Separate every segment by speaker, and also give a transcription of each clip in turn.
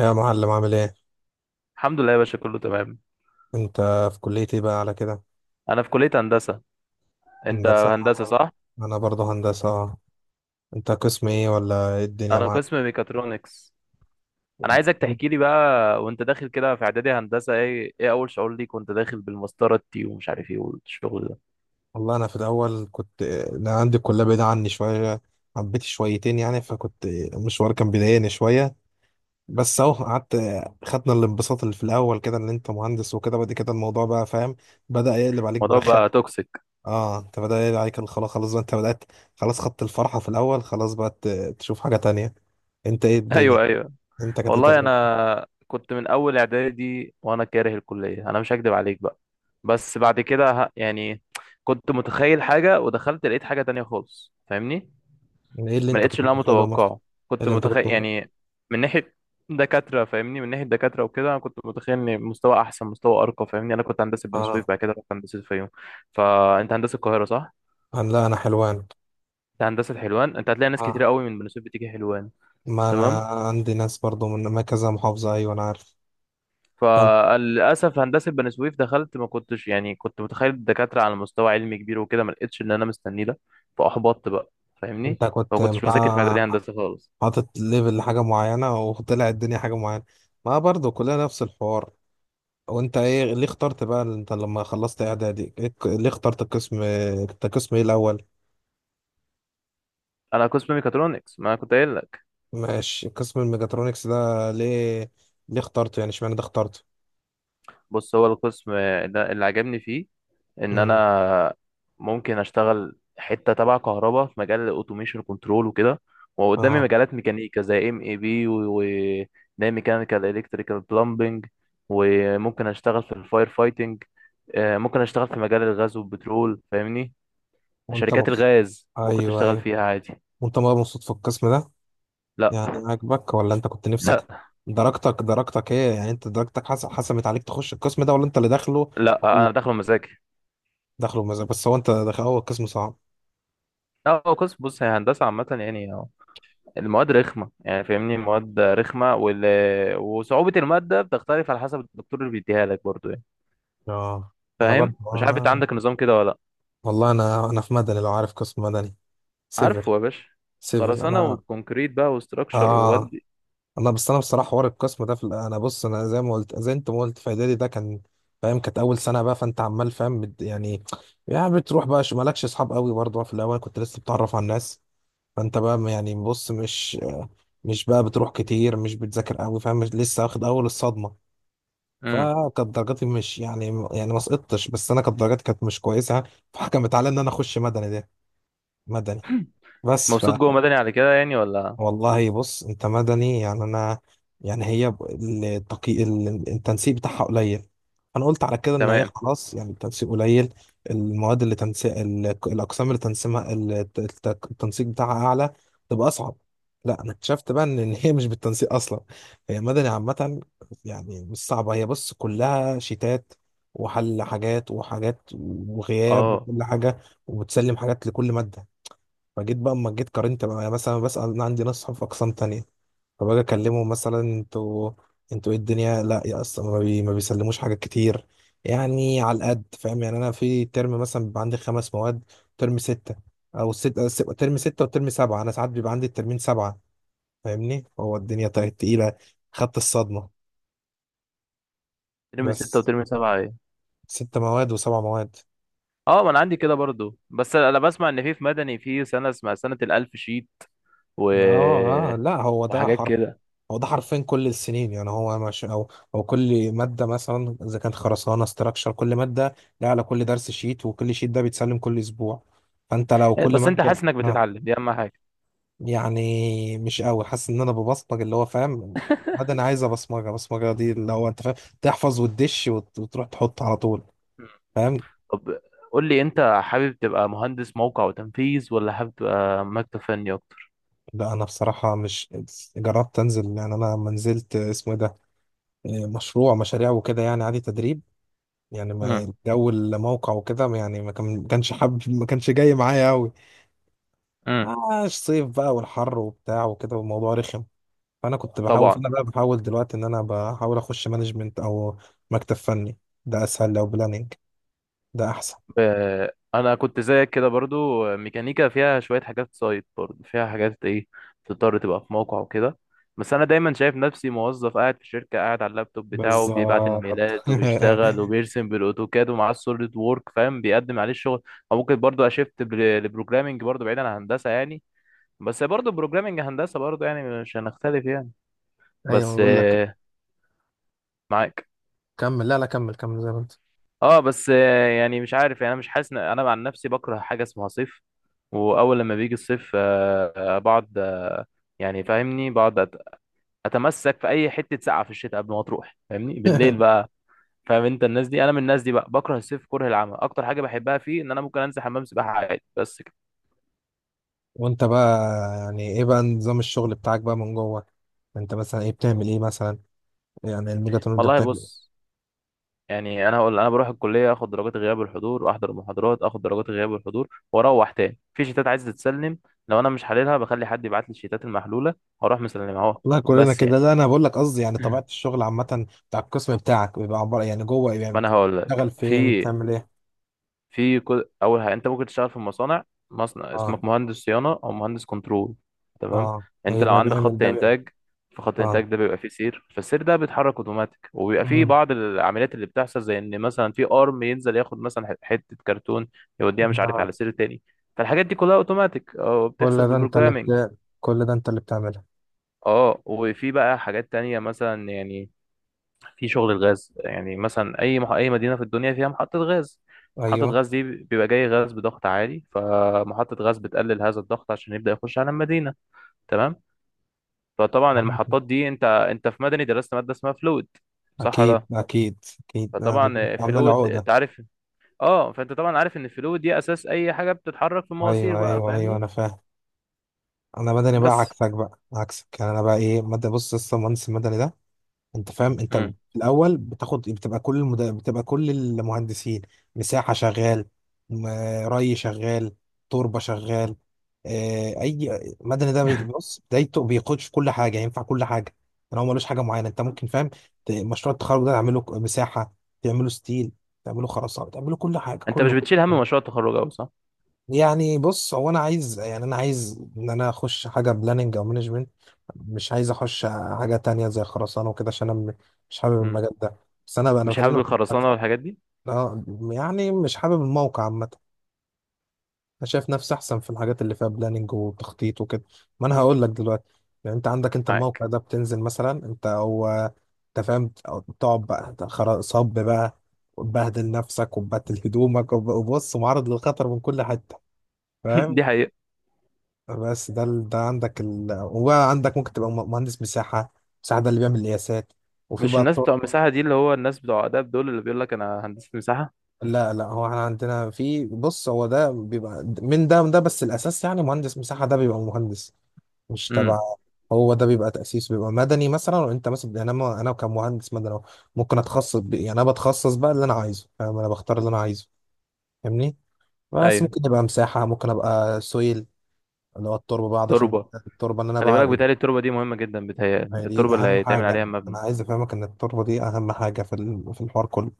Speaker 1: يا معلم، عامل ايه؟
Speaker 2: الحمد لله يا باشا، كله تمام.
Speaker 1: انت، في كلية ايه بقى على كده؟
Speaker 2: انا في كلية هندسة. انت
Speaker 1: هندسة، انا
Speaker 2: هندسة
Speaker 1: برضه
Speaker 2: صح؟
Speaker 1: انا برضه هندسة، اه. انت قسم ايه، ولا ايه الدنيا
Speaker 2: انا
Speaker 1: معاك؟
Speaker 2: قسم ميكاترونكس. انا عايزك تحكي لي بقى وانت داخل كده في اعدادي هندسة، ايه اول شعور ليك وانت داخل بالمسطرة التي ومش عارف ايه والشغل ده؟
Speaker 1: والله انا في الاول انا عندي الكلية بعيدة عني شوية، حبيت شويتين يعني، المشوار كان بيضايقني شوية. بس اهو قعدت. خدنا الانبساط اللي في الاول كده ان انت مهندس وكده، بعد كده الموضوع بقى، فاهم، بدأ يقلب عليك
Speaker 2: الموضوع
Speaker 1: برخامة.
Speaker 2: بقى توكسيك.
Speaker 1: اه انت بدأ يقلب عليك خلاص خلاص بقى، انت بدأت خلاص، خدت الفرحة في الاول، خلاص بقى تشوف حاجة تانية. انت، ايه الدنيا؟
Speaker 2: ايوه، ايوه.
Speaker 1: انت كانت ايه
Speaker 2: والله
Speaker 1: تجربتك؟
Speaker 2: انا كنت من اول اعدادي وانا كاره الكلية، انا مش هكدب عليك بقى. بس بعد كده يعني كنت متخيل حاجة ودخلت لقيت حاجة تانية خالص، فاهمني؟
Speaker 1: يعني ايه اللي
Speaker 2: ما
Speaker 1: انت
Speaker 2: لقيتش
Speaker 1: كنت
Speaker 2: اللي انا
Speaker 1: متخيله مثلا؟
Speaker 2: متوقعه.
Speaker 1: ايه
Speaker 2: كنت
Speaker 1: اللي انت كنت
Speaker 2: متخيل يعني من ناحيه دكاتره، فاهمني؟ من ناحيه دكاتره وكده. انا كنت متخيل ان مستوى احسن، مستوى ارقى، فاهمني؟ انا كنت هندسه بني سويف،
Speaker 1: اه،
Speaker 2: بعد كده رحت هندسه الفيوم. فانت هندسه القاهره صح؟
Speaker 1: انا، لا، انا حلوان.
Speaker 2: انت هندسه حلوان، انت هتلاقي ناس كتير
Speaker 1: اه،
Speaker 2: قوي من بني سويف بتيجي حلوان.
Speaker 1: ما انا
Speaker 2: تمام.
Speaker 1: عندي ناس برضو من ما كذا محافظة. ايوه، انا عارف. كم؟
Speaker 2: فللاسف هندسه بني سويف دخلت، ما كنتش يعني كنت متخيل الدكاتره على مستوى علمي كبير وكده، ما لقيتش اللي انا مستنيه ده. فاحبطت بقى، فاهمني؟
Speaker 1: انت
Speaker 2: ما
Speaker 1: كنت
Speaker 2: كنتش بذاكر في اعدادي
Speaker 1: بتاع،
Speaker 2: هندسه خالص.
Speaker 1: حاطط ليفل لحاجة معينة وطلع الدنيا حاجة معينة. ما برضو كلنا نفس الحوار. وانت، ايه، ليه اخترت بقى، انت لما خلصت اعدادي، ايه، ليه اخترت القسم؟ انت قسم ايه الاول؟
Speaker 2: انا قسم ميكاترونكس، ما أنا كنت قايل لك.
Speaker 1: ماشي، قسم الميجاترونكس ده ليه اخترته يعني، اشمعنى ده اخترته؟
Speaker 2: بص، هو القسم ده اللي عجبني فيه ان
Speaker 1: امم.
Speaker 2: انا ممكن اشتغل حته تبع كهرباء في مجال الاوتوميشن كنترول وكده، وقدامي
Speaker 1: اه،
Speaker 2: مجالات ميكانيكا زي ام اي بي وده، ميكانيكال الكتريكال بلمبنج، وممكن اشتغل في الفاير فايتنج. ممكن اشتغل في مجال الغاز والبترول، فاهمني؟
Speaker 1: وانت
Speaker 2: شركات
Speaker 1: مبسوط؟
Speaker 2: الغاز ممكن
Speaker 1: ايوه،
Speaker 2: تشتغل
Speaker 1: ايوه.
Speaker 2: فيها عادي.
Speaker 1: وانت بقى مبسوط في القسم ده؟
Speaker 2: لا.
Speaker 1: يعني عاجبك، ولا انت كنت نفسك؟
Speaker 2: لا،
Speaker 1: درجتك ايه يعني، انت درجتك حسمت عليك تخش القسم ده، ولا انت اللي داخله؟
Speaker 2: لا،
Speaker 1: ولا،
Speaker 2: انا داخله مزاجي.
Speaker 1: داخله بمزاج؟ بس هو انت داخل، هو القسم صعب؟
Speaker 2: لا، هو قسم، بص، هي هندسه عامه يعني. المواد رخمة يعني، فاهمني؟ مواد رخمة وصعوبة المادة بتختلف على حسب الدكتور اللي بيديها لك برضو يعني.
Speaker 1: اه انا
Speaker 2: فاهم؟
Speaker 1: برضه،
Speaker 2: مش عارف انت
Speaker 1: انا.
Speaker 2: عندك نظام كده ولا لا.
Speaker 1: والله انا في مدني، لو عارف قسم مدني. سيفل.
Speaker 2: عارفه يا باشا.
Speaker 1: سيفل،
Speaker 2: خرسانة
Speaker 1: انا.
Speaker 2: وكونكريت بقى وستراكشر
Speaker 1: اه.
Speaker 2: وودي.
Speaker 1: والله بس انا بصراحه حوار القسم ده انا بص، انا زي ما قلت، زي انت ما قلت، في اعدادي ده كان، فاهم، كانت اول سنه بقى، فانت عمال، فاهم، يعني، يعني بتروح بقى مالكش اصحاب قوي برضه في الاول، كنت لسه بتعرف على الناس، فانت بقى يعني، بص، مش، مش بقى بتروح كتير، مش بتذاكر قوي، فاهم، لسه واخد اول الصدمه.
Speaker 2: امم
Speaker 1: فكانت درجاتي مش يعني ما سقطتش، بس انا كانت درجاتي كانت مش كويسه. فحكمت على ان انا اخش مدني ده، مدني، بس.
Speaker 2: مبسوط جوه مدني على كده يعني ولا؟
Speaker 1: والله بص، انت مدني يعني، انا يعني هي التنسيق بتاعها قليل. انا قلت على كده ان هي
Speaker 2: تمام.
Speaker 1: خلاص يعني، التنسيق قليل، المواد اللي تنسيق الاقسام اللي تنسيقها، التنسيق بتاعها اعلى، تبقى اصعب. لا، انا اكتشفت بقى إن هي مش بالتنسيق اصلا، هي مدني عامه. يعني مش صعبه، هي بص، كلها شيتات، وحل حاجات وحاجات، وغياب،
Speaker 2: اه.
Speaker 1: وكل حاجه، وبتسلم حاجات لكل ماده. فجيت بقى، اما جيت قارنت بقى، يعني مثلا بسأل، انا عندي ناس صحاب في اقسام تانية، فباجي اكلمهم، مثلا انتوا ايه الدنيا؟ لا يا اصلا، ما بيسلموش حاجات كتير، يعني على القد، فاهم، يعني انا في ترم مثلا بيبقى عندي 5 مواد، ترم 6، او ترم 6 وترم سبعة، انا ساعات بيبقى عندي الترمين سبعة، فاهمني، هو الدنيا طيب تقيلة، خدت الصدمة.
Speaker 2: ترم ستة
Speaker 1: بس،
Speaker 2: وترم سبعة ايه؟
Speaker 1: 6 مواد وسبع مواد.
Speaker 2: اه. ما انا عندي كده برضو، بس انا بسمع ان في مدني في سنة اسمها سنة الألف شيت و...
Speaker 1: اه، لا، هو ده
Speaker 2: وحاجات
Speaker 1: حرف،
Speaker 2: كده.
Speaker 1: هو ده حرفين كل السنين يعني، هو مش او كل ماده، مثلا اذا كانت خرسانه، استراكشر، كل ماده لها على كل درس شيت، وكل شيت ده بيتسلم كل اسبوع، فانت لو كل
Speaker 2: بس انت حاسس
Speaker 1: ماده
Speaker 2: انك بتتعلم، دي اهم حاجة.
Speaker 1: يعني مش قوي حاسس ان انا ببصمج، اللي هو، فاهم، ماده انا عايزه بصمجه، بصمجه دي اللي هو، انت فاهم، تحفظ وتدش وتروح تحط على طول، فاهم.
Speaker 2: طب، قول لي، انت حابب تبقى مهندس موقع وتنفيذ ولا حابب تبقى مكتب فني اكتر؟
Speaker 1: لا، انا بصراحه مش، جربت انزل، يعني انا لما نزلت اسمه إيه ده، مشاريع وكده يعني، عادي، تدريب، يعني ما
Speaker 2: امم
Speaker 1: الجو الموقع وكده، يعني ما كانش حابب، ما كانش جاي معايا قوي.
Speaker 2: امم
Speaker 1: اه الصيف بقى والحر وبتاع وكده، والموضوع رخم.
Speaker 2: طبعا.
Speaker 1: فانا بقى بحاول دلوقتي ان انا بحاول اخش مانجمنت، او مكتب فني، ده اسهل، لو بلاننج ده احسن.
Speaker 2: انا كنت زيك كده برضو. ميكانيكا فيها شويه حاجات سايد، برضو فيها حاجات ايه تضطر تبقى في موقع وكده. بس انا دايما شايف نفسي موظف قاعد في شركه، قاعد على اللابتوب بتاعه بيبعت
Speaker 1: بالظبط.
Speaker 2: الميلات وبيشتغل وبيرسم بالاوتوكاد ومعاه السوليد وورك، فاهم؟ بيقدم عليه الشغل. او ممكن برضو اشفت لبروجرامينج برضو، بعيد عن هندسه يعني. بس برضو بروجرامينج هندسه برضو يعني، مش هنختلف يعني.
Speaker 1: ايوه،
Speaker 2: بس
Speaker 1: بقول لك،
Speaker 2: معاك.
Speaker 1: كمل، لا لا، كمل، كمل زي ما انت.
Speaker 2: اه، بس يعني مش عارف يعني، انا مش حاسس انا عن نفسي بكره حاجه اسمها صيف. واول لما بيجي الصيف بقعد، يعني فاهمني، بقعد اتمسك في اي حته ساقعه في الشتاء قبل ما تروح، فاهمني؟ بالليل بقى. فاهم؟ انت الناس دي، انا من الناس دي بقى. بكره الصيف كره العمى، اكتر حاجه بحبها فيه ان انا ممكن انزل حمام سباحه عادي، بس كده.
Speaker 1: وانت بقى، يعني ايه بقى نظام الشغل بتاعك بقى من جوه؟ انت مثلا ايه، بتعمل ايه مثلا؟ يعني الميجاتون ده؟
Speaker 2: والله بص، يعني انا هقول: انا بروح الكليه اخد درجات غياب والحضور، احضر المحاضرات اخد درجات غياب والحضور، واروح تاني في شيتات عايز تتسلم. لو انا مش حللها بخلي حد يبعت لي الشيتات المحلوله، هروح مسلمها اهو
Speaker 1: لا، كلنا
Speaker 2: بس
Speaker 1: كده،
Speaker 2: يعني.
Speaker 1: لا، انا بقول لك قصدي يعني طبيعه
Speaker 2: مم.
Speaker 1: الشغل عامه، بتاع القسم بتاعك بيبقى عباره يعني، جوه يعني،
Speaker 2: ما انا هقول
Speaker 1: بتشتغل
Speaker 2: لك، في
Speaker 1: فين، بتعمل ايه؟
Speaker 2: اول حاجه انت ممكن تشتغل في مصانع. مصنع،
Speaker 1: اه،
Speaker 2: اسمك مهندس صيانه او مهندس كنترول. تمام.
Speaker 1: اه.
Speaker 2: انت لو
Speaker 1: يبقى
Speaker 2: عندك
Speaker 1: بيعمل
Speaker 2: خط
Speaker 1: ده بيعمل.
Speaker 2: انتاج، فخط
Speaker 1: اه.
Speaker 2: الانتاج ده بيبقى فيه سير، فالسير ده بيتحرك اوتوماتيك، وبيبقى فيه
Speaker 1: أمم.
Speaker 2: بعض العمليات اللي بتحصل زي ان مثلا في ارم ينزل ياخد مثلا حته كرتون يوديها مش عارف
Speaker 1: آه.
Speaker 2: على سير تاني. فالحاجات دي كلها اوتوماتيك او بتحصل ببروجرامنج.
Speaker 1: كل ده انت اللي بتعمله؟
Speaker 2: اه. وفي بقى حاجات تانية مثلا يعني، في شغل الغاز يعني مثلا، اي مدينه في الدنيا فيها محطه غاز. محطه
Speaker 1: ايوه،
Speaker 2: غاز دي بيبقى جاي غاز بضغط عالي، فمحطه غاز بتقلل هذا الضغط عشان يبدا يخش على المدينه. تمام. فطبعا المحطات
Speaker 1: عارف.
Speaker 2: دي، انت في مدني درست ماده اسمها فلويد، صح
Speaker 1: اكيد
Speaker 2: ده؟
Speaker 1: اكيد اكيد، انا ده
Speaker 2: فطبعا
Speaker 1: عامله لي
Speaker 2: فلويد
Speaker 1: عقده.
Speaker 2: انت عارف. اه. فانت طبعا عارف ان الفلويد دي اساس اي حاجه بتتحرك في المواسير
Speaker 1: ايوه،
Speaker 2: بقى،
Speaker 1: ايوه، ايوه،
Speaker 2: فاهمني؟
Speaker 1: انا فاهم. انا مدني بقى،
Speaker 2: بس.
Speaker 1: عكسك بقى، عكسك يعني، انا بقى ايه، مدني بص، لسه مهندس المدني ده، انت فاهم، انت
Speaker 2: مم.
Speaker 1: في الاول بتاخد، بتبقى كل المهندسين، مساحه شغال، م- ري شغال، تربه شغال. اه، اي. مدني ده بص بدايته بيخش في كل حاجه، ينفع كل حاجه، يعني هو ملوش حاجه معينه، انت ممكن، فاهم، مشروع التخرج ده تعمله مساحه، تعمله ستيل، تعمله خرسانه، تعمله كل حاجه،
Speaker 2: انت مش
Speaker 1: كله
Speaker 2: بتشيل
Speaker 1: كله.
Speaker 2: هم مشروع التخرج قوي صح؟
Speaker 1: يعني بص، هو انا عايز، يعني انا عايز ان انا اخش حاجه بلاننج او مانجمنت، مش عايز اخش حاجه تانية زي خرسانه وكده، عشان انا مش حابب
Speaker 2: مم.
Speaker 1: المجال ده. بس انا بقى، انا
Speaker 2: مش حابب
Speaker 1: بكلمك عامة.
Speaker 2: الخرسانه والحاجات دي.
Speaker 1: اه، يعني مش حابب الموقع عامه، انا شايف نفسي احسن في الحاجات اللي فيها بلاننج وتخطيط وكده. ما انا هقول لك دلوقتي، يعني انت عندك، انت
Speaker 2: معاك.
Speaker 1: الموقع ده بتنزل مثلا، انت هو، انت فاهم، أو تقعد بقى أنت صب بقى، وتبهدل نفسك، وتبهدل هدومك، وبص معرض للخطر من كل حته، فاهم.
Speaker 2: دي حقيقة.
Speaker 1: بس ده ده عندك وبقى عندك ممكن تبقى مهندس مساحة. مساحة ده اللي بيعمل القياسات، وفي
Speaker 2: مش
Speaker 1: بقى
Speaker 2: الناس بتوع
Speaker 1: الطرق.
Speaker 2: مساحة دي اللي هو الناس بتوع آداب دول اللي بيقول لك أنا هندسة مساحة؟
Speaker 1: لا لا، هو احنا عندنا في، بص، هو ده بيبقى من ده، من ده، بس الأساس يعني، مهندس مساحة ده بيبقى مهندس، مش
Speaker 2: امم
Speaker 1: تبع. هو ده بيبقى تأسيس، بيبقى مدني مثلا، وانت مثلا يعني، انا انا كمهندس مدني ممكن اتخصص يعني انا بتخصص بقى اللي انا عايزه، فاهم، انا بختار اللي انا عايزه، فاهمني، بس
Speaker 2: أيوه.
Speaker 1: ممكن يبقى مساحة، ممكن ابقى سويل، اللي هو التربة، بقعد اشوف
Speaker 2: تربة.
Speaker 1: التربة، اللي انا
Speaker 2: خلي بالك،
Speaker 1: بقى،
Speaker 2: بيتهيألي التربة دي مهمة جدا،
Speaker 1: ما
Speaker 2: بيتهيألي
Speaker 1: هي دي
Speaker 2: التربة اللي
Speaker 1: اهم
Speaker 2: هيتعمل
Speaker 1: حاجه،
Speaker 2: عليها
Speaker 1: انا
Speaker 2: المبنى.
Speaker 1: عايز افهمك ان التربه دي اهم حاجه في الحوار كله.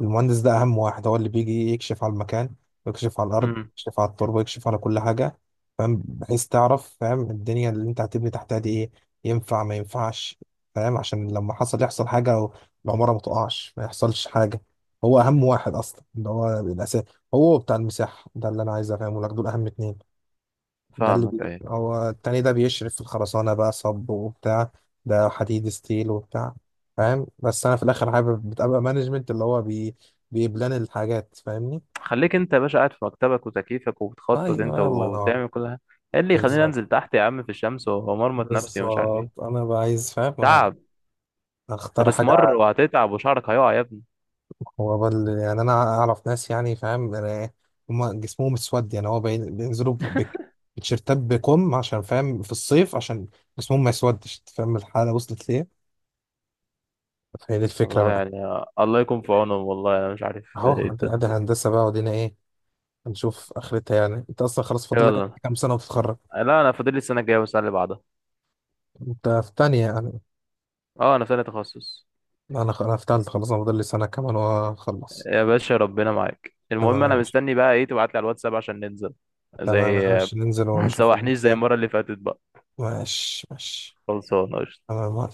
Speaker 1: المهندس ده اهم واحد، هو اللي بيجي يكشف على المكان، ويكشف على الارض،
Speaker 2: امم
Speaker 1: يكشف على التربه، يكشف على كل حاجه، فاهم، بحيث تعرف، فاهم، الدنيا اللي انت هتبني تحتها دي ايه، ينفع ما ينفعش، فاهم، عشان لما يحصل حاجه، او العماره ما تقعش، ما يحصلش حاجه. هو اهم واحد اصلا، اللي هو الاساس، هو بتاع المساحه ده، اللي انا عايز افهمه لك، دول اهم اتنين.
Speaker 2: فاهمك، أيوه.
Speaker 1: هو التاني ده بيشرف في الخرسانة بقى، صب وبتاع، ده حديد ستيل وبتاع، فاهم. بس أنا في الآخر حابب بتبقى مانجمنت، اللي هو بيبلان الحاجات، فاهمني.
Speaker 2: خليك أنت يا باشا قاعد في مكتبك وتكييفك وبتخطط أنت
Speaker 1: أيوة، الله ينور.
Speaker 2: وبتعمل كل ده. إيه اللي يخليني
Speaker 1: بالظبط،
Speaker 2: أنزل تحت يا عم في الشمس ومرمط نفسي ومش عارف
Speaker 1: بالظبط،
Speaker 2: إيه؟
Speaker 1: أنا بقى عايز، فاهم،
Speaker 2: تعب.
Speaker 1: أختار
Speaker 2: هتسمر
Speaker 1: حاجة.
Speaker 2: وهتتعب وشعرك هيقع يا ابني.
Speaker 1: يعني أنا أعرف ناس، يعني فاهم، أنا، هما جسمهم اسود يعني، هو بينزلوا بتيشيرتات بكم عشان، فاهم، في الصيف، عشان جسمهم ما يسودش، فاهم الحالة وصلت ليه. فهي دي الفكرة
Speaker 2: الله
Speaker 1: بقى.
Speaker 2: يعني. الله يكون في عونهم، والله أنا مش عارف إيه
Speaker 1: اهو، ادي
Speaker 2: الدنيا.
Speaker 1: ادي الهندسه بقى ودينا ايه، هنشوف اخرتها يعني، انت اصلا خلاص فاضل لك
Speaker 2: يلا.
Speaker 1: كام سنه وتتخرج.
Speaker 2: لا، أنا فاضل لي السنة الجاية والسنة اللي بعدها.
Speaker 1: انت في تانية يعني؟
Speaker 2: أه، أنا في سنة تخصص.
Speaker 1: انا انا في تالتة، خلاص انا فاضل لي سنه كمان واخلص.
Speaker 2: يا باشا ربنا معاك. المهم
Speaker 1: تمام يا
Speaker 2: انا
Speaker 1: باشا.
Speaker 2: مستني بقى ايه تبعت لي على الواتساب عشان ننزل.
Speaker 1: تمام يا
Speaker 2: زي،
Speaker 1: باشا، ننزل
Speaker 2: ما
Speaker 1: ونشوف
Speaker 2: تسوحنيش زي
Speaker 1: الدنيا.
Speaker 2: المره اللي فاتت بقى.
Speaker 1: ماشي، ماشي.
Speaker 2: خلصانه قشطة.
Speaker 1: تمام.